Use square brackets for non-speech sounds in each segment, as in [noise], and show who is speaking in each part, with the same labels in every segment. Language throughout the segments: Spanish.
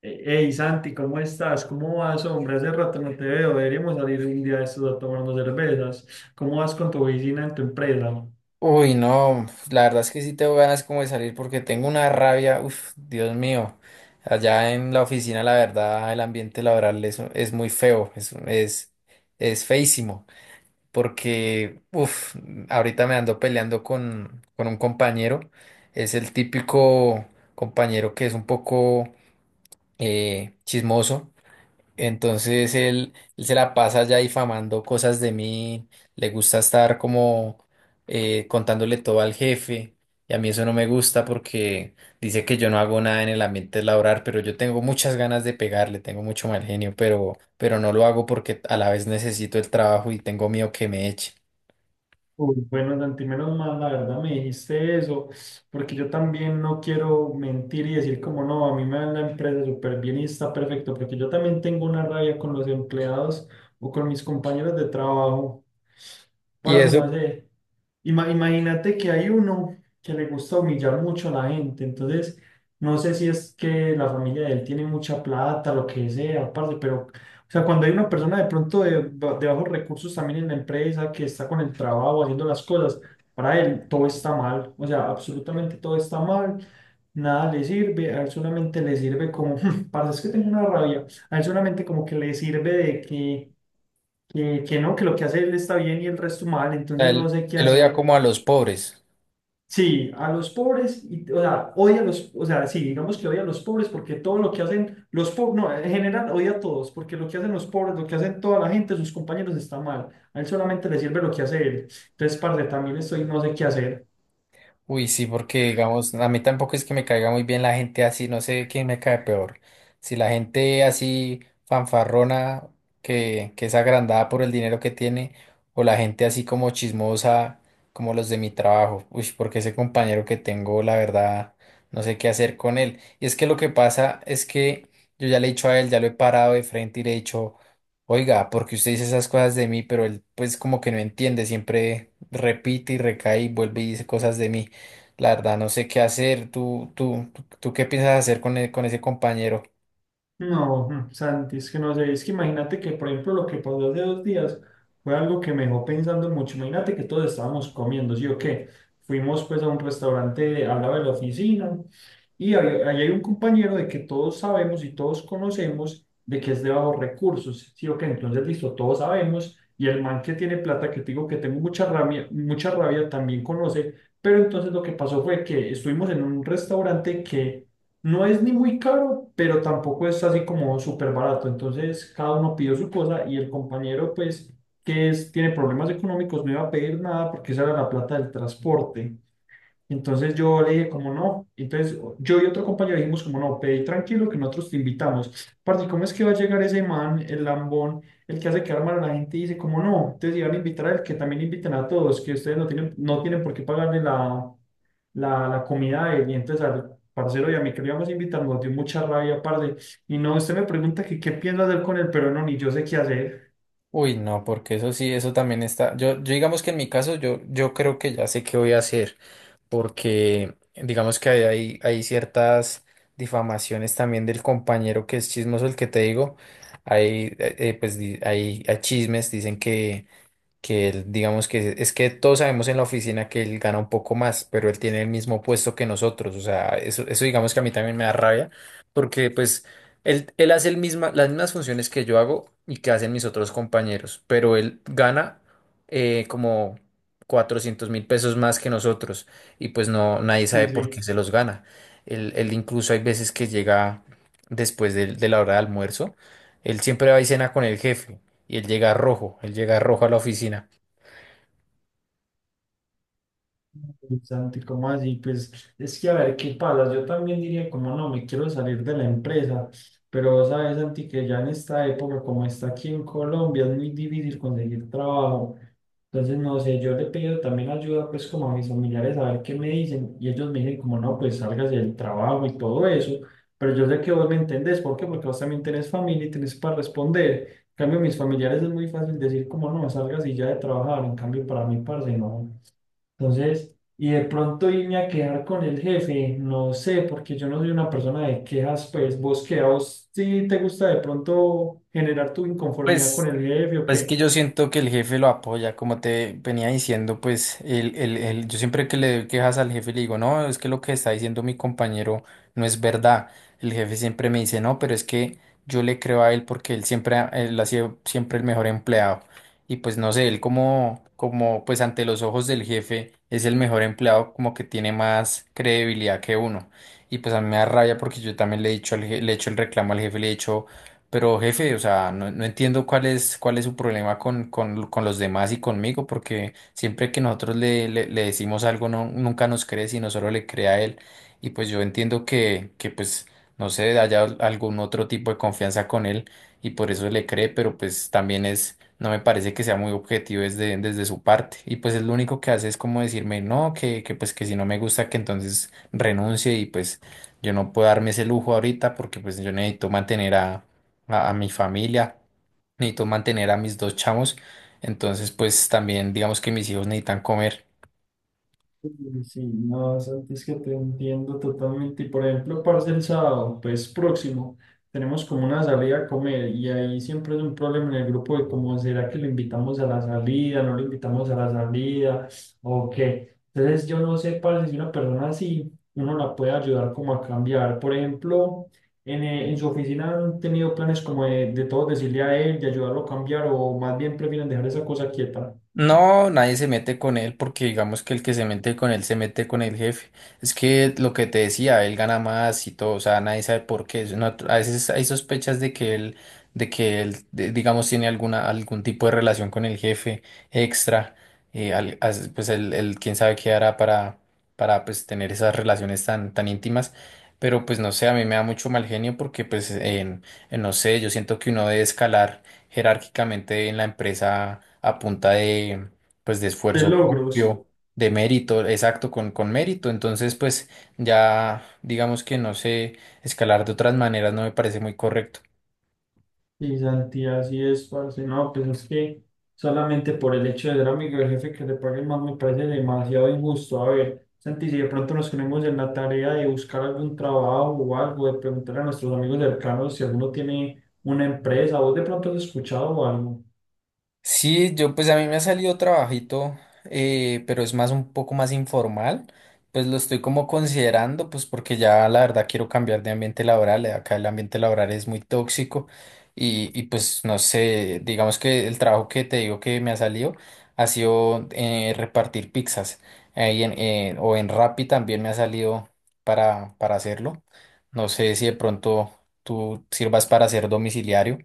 Speaker 1: Hey Santi, ¿cómo estás? ¿Cómo vas, hombre? Hace rato no te veo. Deberíamos salir un día de estos a tomarnos cervezas. ¿Cómo vas con tu oficina en tu empresa?
Speaker 2: Uy, no, pues, la verdad es que sí tengo ganas como de salir porque tengo una rabia, uff, Dios mío. Allá en la oficina, la verdad, el ambiente laboral es muy feo, es feísimo, porque, uff, ahorita me ando peleando con un compañero, es el típico compañero que es un poco chismoso. Entonces él se la pasa ya difamando cosas de mí, le gusta estar como contándole todo al jefe, y a mí eso no me gusta porque dice que yo no hago nada en el ambiente laboral, pero yo tengo muchas ganas de pegarle, tengo mucho mal genio, pero no lo hago porque a la vez necesito el trabajo y tengo miedo que me eche.
Speaker 1: Uy, bueno, Santi, menos mal, la verdad me dijiste eso, porque yo también no quiero mentir y decir como no, a mí me va la empresa súper bien y está perfecto, porque yo también tengo una rabia con los empleados o con mis compañeros de trabajo.
Speaker 2: Y
Speaker 1: Parce, no
Speaker 2: eso,
Speaker 1: sé. Imagínate que hay uno que le gusta humillar mucho a la gente, entonces no sé si es que la familia de él tiene mucha plata, lo que sea, parce, pero, o sea, cuando hay una persona de pronto de, de bajos recursos también en la empresa que está con el trabajo haciendo las cosas, para él todo está mal, o sea, absolutamente todo está mal, nada le sirve, a él solamente le sirve como, [laughs] parce, es que tengo una rabia, a él solamente como que le sirve de que que no, que lo que hace él está bien y el resto mal, entonces no
Speaker 2: él,
Speaker 1: sé qué
Speaker 2: él odia
Speaker 1: hacer.
Speaker 2: como a los pobres.
Speaker 1: Sí, a los pobres, y, o sea, odia a los, o sea, sí, digamos que odia a los pobres porque todo lo que hacen los pobres, no, en general odia a todos, porque lo que hacen los pobres, lo que hacen toda la gente, sus compañeros está mal. A él solamente le sirve lo que hace él. Entonces, parce, también estoy, no sé qué hacer.
Speaker 2: Uy, sí, porque digamos, a mí tampoco es que me caiga muy bien la gente así, no sé quién me cae peor. Si la gente así fanfarrona, que es agrandada por el dinero que tiene, o la gente así como chismosa, como los de mi trabajo. Uy, porque ese compañero que tengo, la verdad, no sé qué hacer con él. Y es que lo que pasa es que yo ya le he dicho a él, ya lo he parado de frente y le he dicho, oiga, porque usted dice esas cosas de mí, pero él pues como que no entiende, siempre repite y recae y vuelve y dice cosas de mí. La verdad, no sé qué hacer. ¿Tú qué piensas hacer con, con ese compañero?
Speaker 1: No, Santi, es que no sé, es que imagínate que, por ejemplo, lo que pasó hace dos días fue algo que me dejó pensando mucho. Imagínate que todos estábamos comiendo, ¿sí o qué? Fuimos pues a un restaurante al lado de la oficina y ahí hay un compañero de que todos sabemos y todos conocemos de que es de bajos recursos, ¿sí o qué? Entonces, listo, todos sabemos y el man que tiene plata, que te digo que tengo mucha rabia, también conoce, pero entonces lo que pasó fue que estuvimos en un restaurante que no es ni muy caro, pero tampoco es así como súper barato. Entonces, cada uno pidió su cosa y el compañero, pues, que es, tiene problemas económicos, no iba a pedir nada porque esa era la plata del transporte. Entonces yo le dije como no, entonces yo y otro compañero dijimos como no, pedí tranquilo que nosotros te invitamos. Parce, ¿cómo es que va a llegar ese man, el lambón, el que hace quedar mal a la gente y dice como no? Entonces iban a invitar al que también inviten a todos, que ustedes no tienen, no tienen por qué pagarle la comida de él. Y entonces al parcero y a mí que lo íbamos a invitar nos dio mucha rabia, parce. Y no, usted me pregunta que qué pienso hacer con él, pero no, ni yo sé qué hacer.
Speaker 2: Uy, no, porque eso sí, eso también está. Yo digamos que en mi caso, yo creo que ya sé qué voy a hacer, porque digamos que hay ciertas difamaciones también del compañero que es chismoso, el que te digo. Hay, pues, hay chismes, dicen que él, digamos que es que todos sabemos en la oficina que él gana un poco más, pero él tiene el mismo puesto que nosotros, o sea, eso digamos que a mí también me da rabia, porque pues él hace las mismas funciones que yo hago y que hacen mis otros compañeros, pero él gana como 400.000 pesos más que nosotros, y pues no, nadie sabe
Speaker 1: Sí,
Speaker 2: por qué
Speaker 1: sí.
Speaker 2: se los gana. Él incluso hay veces que llega después de la hora de almuerzo, él siempre va y cena con el jefe. Y él llega rojo a la oficina.
Speaker 1: Uy, Santi, ¿cómo así? Pues es que a ver qué pasa. Yo también diría, como no, me quiero salir de la empresa. Pero vos sabes, Santi, que ya en esta época, como está aquí en Colombia, es muy difícil conseguir trabajo. Entonces, no sé, yo le pido también ayuda pues como a mis familiares a ver qué me dicen y ellos me dicen como no, pues salgas del trabajo y todo eso, pero yo sé que vos me entendés, ¿por qué? Porque vos también tenés familia y tenés para responder. En cambio, mis familiares es muy fácil decir como no, salgas y ya de trabajar, en cambio para mí, parce, no. Entonces, y de pronto irme a quejar con el jefe, no sé, porque yo no soy una persona de quejas, pues vos qué, a vos sí te gusta de pronto generar tu inconformidad con
Speaker 2: Pues
Speaker 1: el jefe o
Speaker 2: Pues que
Speaker 1: qué.
Speaker 2: yo siento que el jefe lo apoya, como te venía diciendo, pues yo siempre que le doy quejas al jefe le digo, no, es que lo que está diciendo mi compañero no es verdad. El jefe siempre me dice, no, pero es que yo le creo a él porque él siempre, él ha sido siempre el mejor empleado. Y pues no sé, él como, como pues ante los ojos del jefe es el mejor empleado, como que tiene más credibilidad que uno. Y pues a mí me da rabia porque yo también le he dicho, le he hecho el reclamo al jefe, le he dicho... Pero jefe, o sea, no, no entiendo cuál es su problema con los demás y conmigo, porque siempre que nosotros le decimos algo, no, nunca nos cree, sino solo le cree a él. Y pues yo entiendo que pues, no sé, haya algún otro tipo de confianza con él y por eso le cree, pero pues también es, no me parece que sea muy objetivo desde su parte. Y pues es lo único que hace es como decirme, no, que pues que si no me gusta, que entonces renuncie y pues yo no puedo darme ese lujo ahorita porque pues yo necesito mantener a mi familia, necesito mantener a mis dos chamos, entonces pues también digamos que mis hijos necesitan comer.
Speaker 1: Sí, sí, no, Santi, es que te entiendo totalmente. Y por ejemplo, parce, el sábado, pues próximo, tenemos como una salida a comer y ahí siempre es un problema en el grupo de cómo será que lo invitamos a la salida, no lo invitamos a la salida o qué. Entonces, yo no sé, parce, si una persona así, uno la puede ayudar como a cambiar. Por ejemplo, en su oficina han tenido planes como de todo decirle a él, de ayudarlo a cambiar o más bien prefieren dejar esa cosa quieta.
Speaker 2: No, nadie se mete con él porque digamos que el que se mete con él se mete con el jefe. Es que lo que te decía, él gana más y todo, o sea, nadie sabe por qué. Es una- a veces hay sospechas de que él, digamos, tiene alguna, algún tipo de relación con el jefe extra. Pues él quién sabe qué hará para pues tener esas relaciones tan íntimas. Pero pues no sé, a mí me da mucho mal genio porque pues no sé, yo siento que uno debe escalar jerárquicamente en la empresa a punta de, pues, de
Speaker 1: De
Speaker 2: esfuerzo
Speaker 1: logros.
Speaker 2: propio, de mérito, exacto, con mérito. Entonces, pues ya digamos que no sé, escalar de otras maneras no me parece muy correcto.
Speaker 1: Y Santi, así es, parce. No, pues es que solamente por el hecho de ser amigo del jefe que le paguen más me parece demasiado injusto. A ver, Santi, si de pronto nos ponemos en la tarea de buscar algún trabajo o algo, de preguntar a nuestros amigos cercanos si alguno tiene una empresa, ¿vos de pronto has escuchado o algo?
Speaker 2: Sí, yo pues a mí me ha salido trabajito, pero es más un poco más informal. Pues lo estoy como considerando, pues porque ya la verdad quiero cambiar de ambiente laboral. Acá el ambiente laboral es muy tóxico y pues no sé, digamos que el trabajo que te digo que me ha salido ha sido repartir pizzas. Ahí en, o en Rappi también me ha salido para hacerlo. No sé si de pronto tú sirvas para ser domiciliario.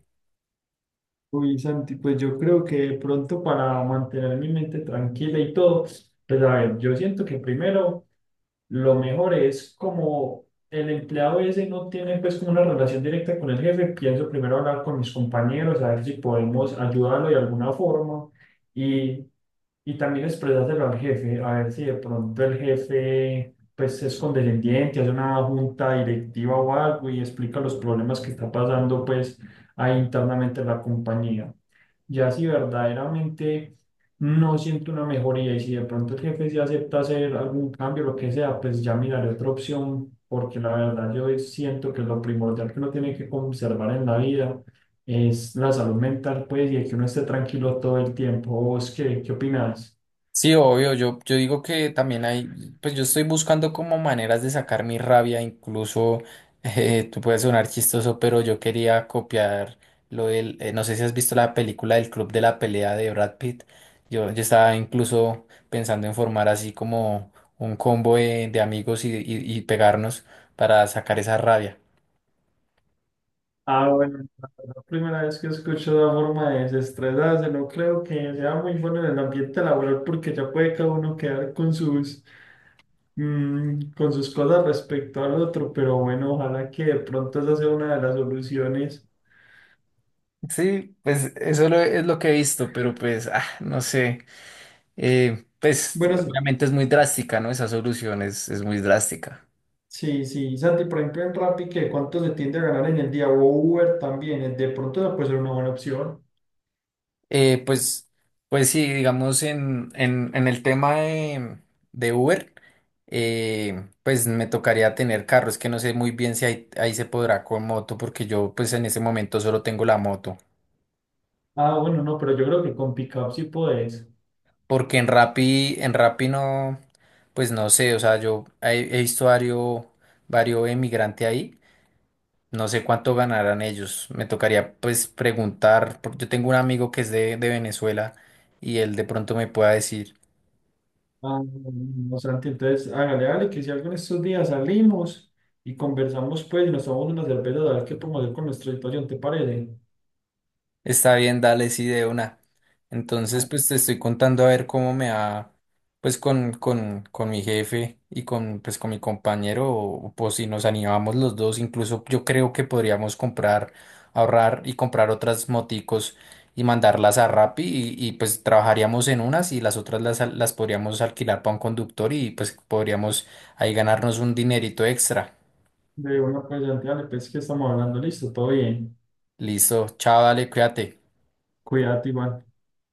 Speaker 1: Uy, Santi, pues yo creo que de pronto para mantener mi mente tranquila y todo, pues a ver, yo siento que primero. Lo mejor es como el empleado ese no tiene pues como una relación directa con el jefe, pienso primero hablar con mis compañeros, a ver si podemos ayudarlo de alguna forma y, y también expresárselo al jefe, a ver si de pronto el jefe pues es condescendiente, hace una junta directiva o algo y explica los problemas que está pasando pues ahí internamente en la compañía. Ya si verdaderamente no siento una mejoría y si de pronto el jefe sí acepta hacer algún cambio, lo que sea, pues ya miraré otra opción, porque la verdad yo siento que lo primordial que uno tiene que conservar en la vida es la salud mental, pues, y que uno esté tranquilo todo el tiempo. ¿Vos qué, qué opinás?
Speaker 2: Sí, obvio, yo digo que también hay, pues yo estoy buscando como maneras de sacar mi rabia, incluso [laughs] tú puedes sonar chistoso, pero yo quería copiar no sé si has visto la película del Club de la Pelea de Brad Pitt. Yo estaba incluso pensando en formar así como un combo de amigos y, y pegarnos para sacar esa rabia.
Speaker 1: Ah, bueno, la verdad, primera vez que escucho una forma de desestresarse, no creo que sea muy bueno en el ambiente laboral porque ya puede cada uno quedar con sus con sus cosas respecto al otro, pero bueno, ojalá que de pronto esa sea una de las soluciones.
Speaker 2: Sí, pues es lo que he visto, pero pues, ah, no sé. Pues
Speaker 1: Bueno, s-
Speaker 2: obviamente es muy drástica, ¿no? Esa solución es muy drástica.
Speaker 1: sí, sí, Santi, por ejemplo, en Rappi, ¿qué cuánto se tiende a ganar en el día? O Uber también, de pronto esa puede ser una buena opción.
Speaker 2: Eh, pues, pues sí, digamos en el tema de Uber, pues me tocaría tener carro. Es que no sé muy bien si ahí se podrá con moto, porque yo pues en ese momento solo tengo la moto.
Speaker 1: Ah, bueno, no, pero yo creo que con Pickup sí podés.
Speaker 2: Porque en Rappi no, pues no sé, o sea, he visto varios emigrantes ahí. No sé cuánto ganarán ellos. Me tocaría pues preguntar, porque yo tengo un amigo que es de Venezuela y él de pronto me pueda decir.
Speaker 1: Ah, no, Santi, entonces hágale, hágale, que si algo en estos días salimos y conversamos, pues, y nos tomamos una cerveza, a ver qué podemos hacer con nuestra situación, ¿te parece?
Speaker 2: Está bien, dale, sí, de una. Entonces,
Speaker 1: Ah,
Speaker 2: pues te estoy contando a ver cómo me va, pues con mi jefe y con, pues, con mi compañero, o, pues si nos animamos los dos, incluso yo creo que podríamos comprar, ahorrar y comprar otras moticos y mandarlas a Rappi y, pues trabajaríamos en unas y las otras las podríamos alquilar para un conductor y pues podríamos ahí ganarnos un dinerito extra.
Speaker 1: de una, pues, Santi, dale, pues, que estamos hablando, listo, todo bien.
Speaker 2: Listo, chao, dale, cuídate.
Speaker 1: Cuídate, igual.